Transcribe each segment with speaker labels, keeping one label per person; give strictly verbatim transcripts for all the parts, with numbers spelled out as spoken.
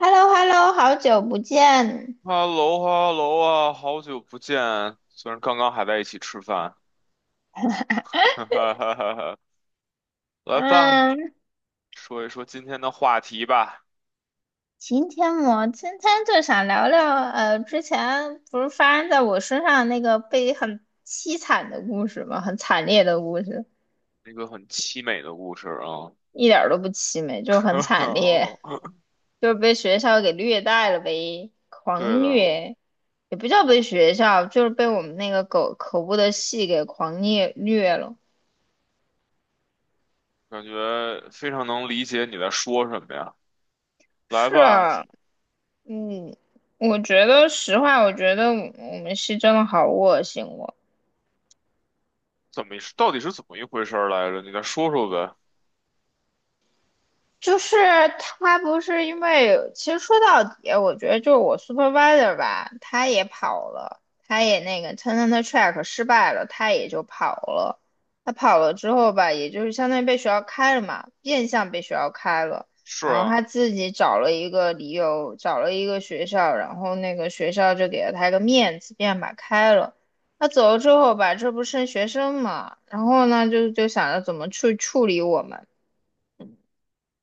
Speaker 1: h e l l o h e l l o 好久不见。
Speaker 2: 哈喽哈喽啊，好久不见！虽然刚刚还在一起吃饭，哈哈哈哈哈。来吧，
Speaker 1: 嗯，
Speaker 2: 说一说今天的话题吧，
Speaker 1: 今天我今天就想聊聊，呃，之前不是发生在我身上那个被很凄惨的故事吗？很惨烈的故事，
Speaker 2: 一个很凄美的故事啊。
Speaker 1: 一点儿都不凄美，就是很惨烈，就是被学校给虐待了呗，
Speaker 2: 对
Speaker 1: 狂
Speaker 2: 的，
Speaker 1: 虐，也不叫被学校，就是被我们那个狗可恶的系给狂虐虐了。
Speaker 2: 感觉非常能理解你在说什么呀。来
Speaker 1: 是，
Speaker 2: 吧，
Speaker 1: 嗯，我觉得实话，我觉得我们是真的好恶心哦。
Speaker 2: 怎么到底是怎么一回事儿来着？你再说说呗。
Speaker 1: 就是他不是因为，其实说到底，我觉得就是我 supervisor 吧，他也跑了，他也那个 talent track 失败了，他也就跑了。他跑了之后吧，也就是相当于被学校开了嘛，变相被学校开了。
Speaker 2: 是
Speaker 1: 然后
Speaker 2: 啊，
Speaker 1: 他自己找了一个理由，找了一个学校，然后那个学校就给了他一个面子，便把开了。他走了之后吧，这不剩学生嘛，然后呢，就就想着怎么去处理我们。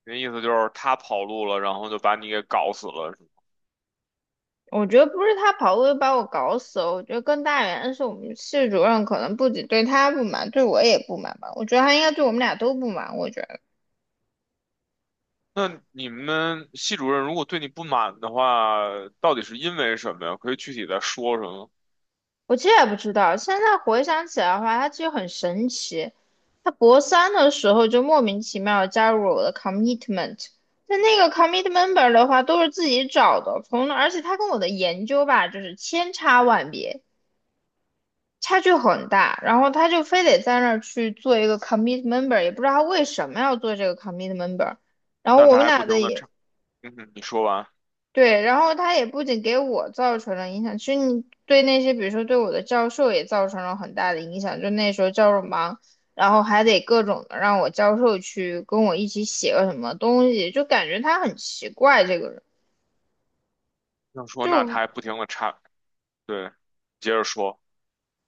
Speaker 2: 那意思就是他跑路了，然后就把你给搞死了。
Speaker 1: 我觉得不是他跑步就把我搞死了，我觉得更大原因是我们系主任可能不仅对他不满，对我也不满吧。我觉得他应该对我们俩都不满。我觉得
Speaker 2: 那你们系主任如果对你不满的话，到底是因为什么呀？可以具体再说什么？
Speaker 1: 我其实也不知道，现在回想起来的话，他其实很神奇。他博三的时候就莫名其妙地加入了我的 commitment，但那个 c o m m i t m e m b e r 的话都是自己找的，从而且他跟我的研究吧，就是千差万别。差距很大，然后他就非得在那儿去做一个 commit member，也不知道他为什么要做这个 commit member。然后
Speaker 2: 那
Speaker 1: 我
Speaker 2: 他
Speaker 1: 们
Speaker 2: 还不
Speaker 1: 俩的
Speaker 2: 停的
Speaker 1: 也
Speaker 2: 插，嗯哼，你说完，
Speaker 1: 对，然后他也不仅给我造成了影响，其实你对那些比如说对我的教授也造成了很大的影响。就那时候教授忙，然后还得各种的让我教授去跟我一起写个什么东西，就感觉他很奇怪这个人。
Speaker 2: 要说那他
Speaker 1: 就。
Speaker 2: 还不停的插，对，接着说，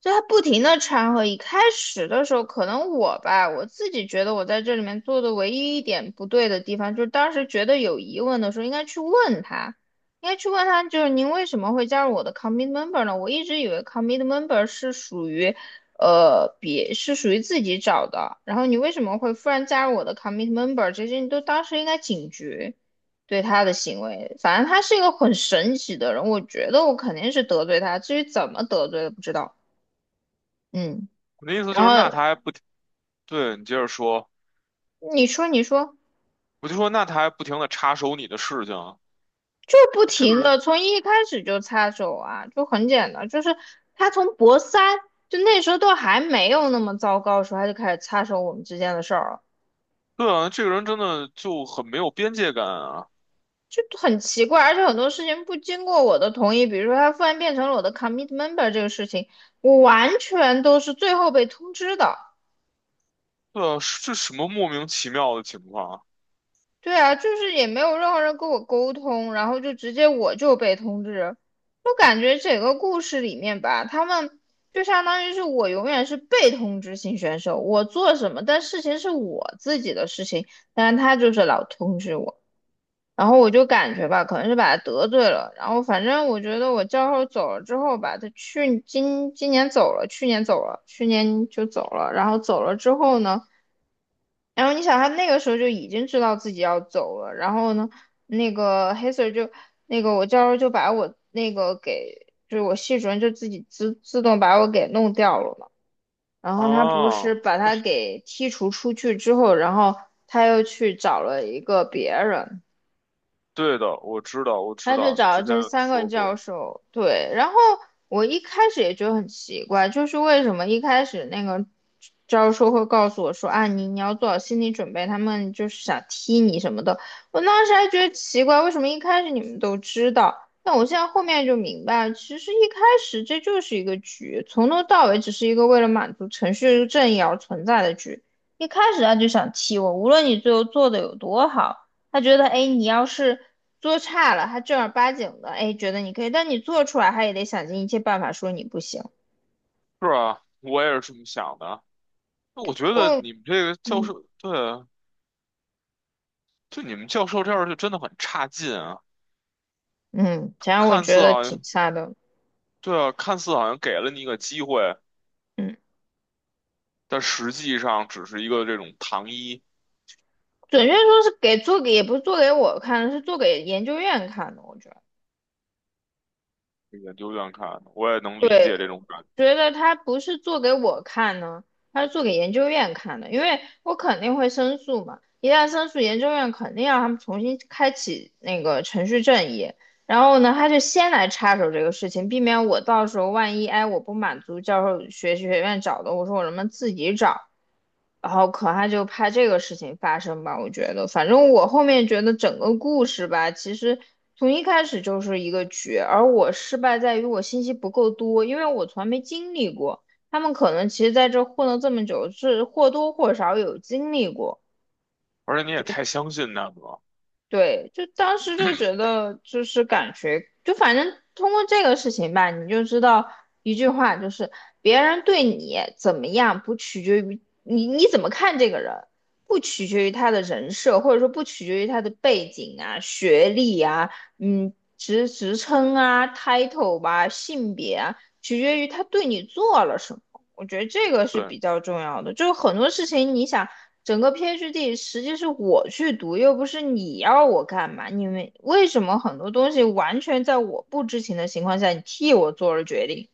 Speaker 1: 就他不停的掺和。一开始的时候，可能我吧，我自己觉得我在这里面做的唯一一点不对的地方，就是当时觉得有疑问的时候，应该去问他，应该去问他，就是您为什么会加入我的 commit member 呢？我一直以为 commit member 是属于，呃，别是属于自己找的，然后你为什么会忽然加入我的 commit member？这些你都当时应该警觉。对他的行为，反正他是一个很神奇的人，我觉得我肯定是得罪他，至于怎么得罪的不知道。嗯，
Speaker 2: 我的意思就
Speaker 1: 然
Speaker 2: 是那
Speaker 1: 后
Speaker 2: 他还不停，对，你接着说，
Speaker 1: 你说你说，
Speaker 2: 我就说那他还不停的插手你的事情，
Speaker 1: 就不
Speaker 2: 这个
Speaker 1: 停
Speaker 2: 人，
Speaker 1: 的从一开始就插手啊，就很简单，就是他从博三就那时候都还没有那么糟糕的时候，他就开始插手我们之间的事儿了，
Speaker 2: 对啊，这个人真的就很没有边界感啊，
Speaker 1: 就很奇怪，而且很多事情不经过我的同意，比如说他突然变成了我的 commit member 这个事情，我完全都是最后被通知的。
Speaker 2: 对啊，是这什么莫名其妙的情况
Speaker 1: 对啊，就是也没有任何人跟我沟通，然后就直接我就被通知。我感觉整个故事里面吧，他们就相当于是我永远是被通知型选手，我做什么，但事情是我自己的事情，但是他就是老通知我，然后我就感觉吧，可能是把他得罪了，然后反正我觉得我教授走了之后吧，他去今今年走了，去年走了，去年就走了，然后走了之后呢？然后你想，他那个时候就已经知道自己要走了，然后呢，那个黑 Sir 就那个我教授就把我那个给，就是我系主任就自己自自动把我给弄掉了嘛。然后他不
Speaker 2: 啊？啊，
Speaker 1: 是把他给剔除出去之后，然后他又去找了一个别人，
Speaker 2: 对的，我知道，我知
Speaker 1: 他就
Speaker 2: 道，你
Speaker 1: 找了
Speaker 2: 之前
Speaker 1: 这
Speaker 2: 有
Speaker 1: 三个
Speaker 2: 说
Speaker 1: 教
Speaker 2: 过，
Speaker 1: 授，对，然后我一开始也觉得很奇怪，就是为什么一开始那个教授会告诉我说啊，你你要做好心理准备，他们就是想踢你什么的。我当时还觉得奇怪，为什么一开始你们都知道？但我现在后面就明白了，其实一开始这就是一个局，从头到尾只是一个为了满足程序正义而存在的局。一开始他就想踢我，无论你最后做的有多好。他觉得，哎，你要是做差了，他正儿八经的，哎，觉得你可以，但你做出来，他也得想尽一切办法说你不行。
Speaker 2: 是啊，我也是这么想的。那我觉得
Speaker 1: 我，
Speaker 2: 你们这个教
Speaker 1: 嗯
Speaker 2: 授，对，啊，就你们教授这样就真的很差劲啊！
Speaker 1: 嗯，反正我
Speaker 2: 看似
Speaker 1: 觉得
Speaker 2: 好
Speaker 1: 挺
Speaker 2: 像，
Speaker 1: 差的。
Speaker 2: 对啊，看似好像给了你一个机会，
Speaker 1: 嗯，
Speaker 2: 但实际上只是一个这种糖衣。
Speaker 1: 准确说是给做给，也不是做给我看的，是做给研究院看的。我觉得，
Speaker 2: 给研究院看的，我也能理
Speaker 1: 对，
Speaker 2: 解这种感觉，
Speaker 1: 觉得他不是做给我看呢，他是做给研究院看的，因为我肯定会申诉嘛。一旦申诉，研究院肯定让他们重新开启那个程序正义。然后呢，他就先来插手这个事情，避免我到时候万一哎我不满足教授学学院找的，我说我能不能自己找，然后可他就怕这个事情发生吧，我觉得，反正我后面觉得整个故事吧，其实从一开始就是一个局，而我失败在于我信息不够多，因为我从来没经历过，他们可能其实在这混了这么久，是或多或少有经历过。
Speaker 2: 而且你也太相信他们了。
Speaker 1: 对，就当时就觉得，就是感觉，就反正通过这个事情吧，你就知道一句话，就是别人对你怎么样，不取决于你你怎么看这个人，不取决于他的人设，或者说不取决于他的背景啊、学历啊、嗯、职职称啊、title 吧、性别啊，取决于他对你做了什么。我觉得这个是
Speaker 2: 对，
Speaker 1: 比较重要的，就是很多事情，你想。整个 P h D 实际是我去读，又不是你要我干嘛？你们为什么很多东西完全在我不知情的情况下，你替我做了决定？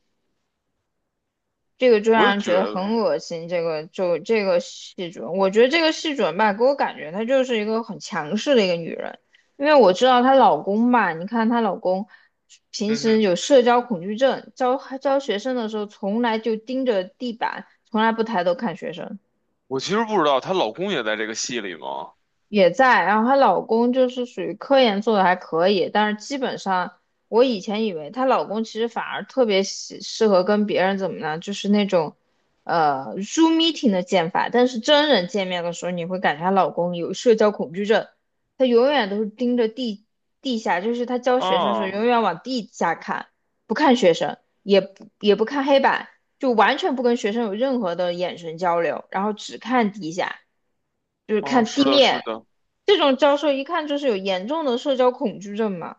Speaker 1: 这个就
Speaker 2: 我
Speaker 1: 让
Speaker 2: 也
Speaker 1: 人
Speaker 2: 觉
Speaker 1: 觉得
Speaker 2: 得，
Speaker 1: 很恶心。这个就这个系主任，我觉得这个系主任吧，给我感觉她就是一个很强势的一个女人，因为我知道她老公吧，你看她老公平
Speaker 2: 嗯哼，
Speaker 1: 时有社交恐惧症，教教学生的时候从来就盯着地板，从来不抬头看学生。
Speaker 2: 我其实不知道她老公也在这个戏里吗？
Speaker 1: 也在，然后她老公就是属于科研做的还可以，但是基本上我以前以为她老公其实反而特别喜适合跟别人怎么呢，就是那种呃 Zoom meeting 的见法，但是真人见面的时候，你会感觉她老公有社交恐惧症，她永远都是盯着地地下，就是她教学生的时候
Speaker 2: 啊，
Speaker 1: 永远往地下看，不看学生，也不也不看黑板，就完全不跟学生有任何的眼神交流，然后只看地下。就是
Speaker 2: 啊，
Speaker 1: 看
Speaker 2: 是
Speaker 1: 地
Speaker 2: 的，
Speaker 1: 面，
Speaker 2: 是的，
Speaker 1: 这种教授一看就是有严重的社交恐惧症嘛。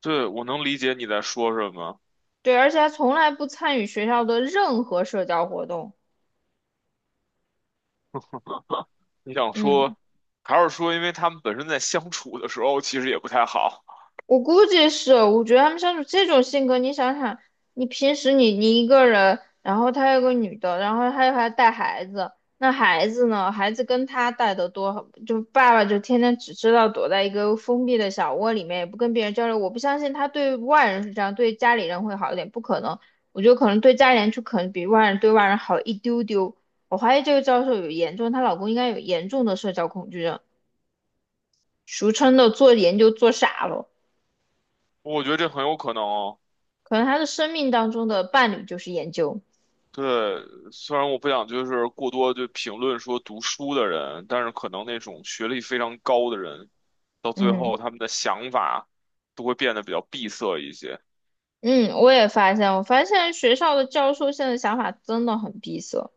Speaker 2: 对，我能理解你在说什么。
Speaker 1: 对，而且他从来不参与学校的任何社交活动。
Speaker 2: 你想
Speaker 1: 嗯。
Speaker 2: 说，还是说因为他们本身在相处的时候其实也不太好？
Speaker 1: 我估计是，我觉得他们相处这种性格，你想想，你平时你你一个人，然后他有个女的，然后她又还带孩子，那孩子呢？孩子跟他带的多，好，就爸爸就天天只知道躲在一个封闭的小窝里面，也不跟别人交流。我不相信他对外人是这样，对家里人会好一点，不可能。我觉得可能对家里人就可能比外人对外人好一丢丢。我怀疑这个教授有严重，她老公应该有严重的社交恐惧症，俗称的做研究做傻了。
Speaker 2: 我觉得这很有可能哦。
Speaker 1: 可能他的生命当中的伴侣就是研究。
Speaker 2: 对，虽然我不想就是过多就评论说读书的人，但是可能那种学历非常高的人，到最
Speaker 1: 嗯
Speaker 2: 后他们的想法都会变得比较闭塞一些。
Speaker 1: 嗯，我也发现，我发现学校的教授现在想法真的很闭塞。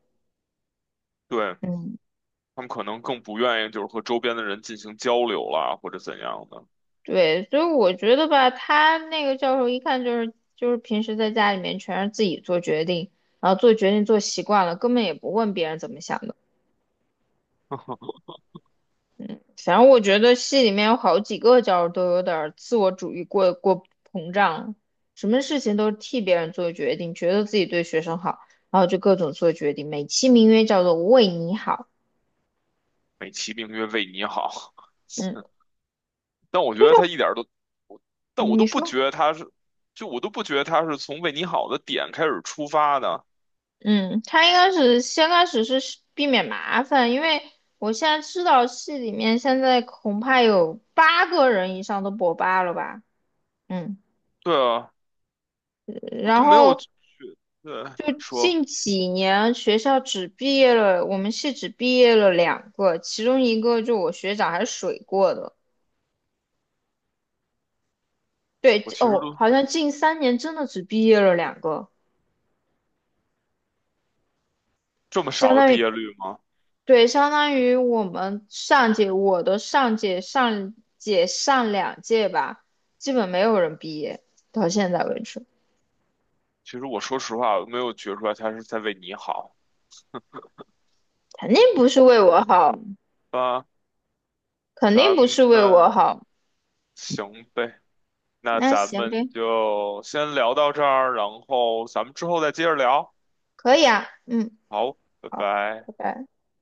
Speaker 2: 对，
Speaker 1: 嗯，
Speaker 2: 他们可能更不愿意就是和周边的人进行交流啦，或者怎样的。
Speaker 1: 对，所以我觉得吧，他那个教授一看就是就是平时在家里面全是自己做决定，然后做决定做习惯了，根本也不问别人怎么想的。反正我觉得戏里面有好几个角儿都有点儿自我主义过过膨胀什么事情都替别人做决定，觉得自己对学生好，然后就各种做决定，美其名曰叫做为你好。
Speaker 2: 美其名曰为你好，
Speaker 1: 嗯，
Speaker 2: 但我觉
Speaker 1: 这
Speaker 2: 得
Speaker 1: 就
Speaker 2: 他一点儿都，但我都
Speaker 1: 你
Speaker 2: 不
Speaker 1: 说，
Speaker 2: 觉得他是，就我都不觉得他是从为你好的点开始出发的。
Speaker 1: 嗯，他应该是先开始是避免麻烦，因为我现在知道戏里面现在恐怕有八个人以上都博八了吧。嗯，
Speaker 2: 对啊，我
Speaker 1: 然
Speaker 2: 都没有
Speaker 1: 后
Speaker 2: 觉得
Speaker 1: 就
Speaker 2: 说，
Speaker 1: 近几年学校只毕业了，我们系只毕业了两个，其中一个就我学长还水过的。对，
Speaker 2: 我其实
Speaker 1: 哦，
Speaker 2: 都
Speaker 1: 好像近三年真的只毕业了两个，
Speaker 2: 这么
Speaker 1: 相
Speaker 2: 少的
Speaker 1: 当
Speaker 2: 毕
Speaker 1: 于，
Speaker 2: 业率吗？
Speaker 1: 对，相当于我们上届，我的上届、上届、上两届吧，基本没有人毕业，到现在为止，
Speaker 2: 其实我说实话，我没有觉出来他是在为你好
Speaker 1: 肯定不是为我好，
Speaker 2: 啊。
Speaker 1: 肯定
Speaker 2: 咱
Speaker 1: 不
Speaker 2: 们
Speaker 1: 是为我好。
Speaker 2: 行呗，那
Speaker 1: 那
Speaker 2: 咱
Speaker 1: 行
Speaker 2: 们
Speaker 1: 呗，
Speaker 2: 就先聊到这儿，然后咱们之后再接着聊。
Speaker 1: 可以啊，嗯，
Speaker 2: 好，拜
Speaker 1: 好，
Speaker 2: 拜。
Speaker 1: 拜拜。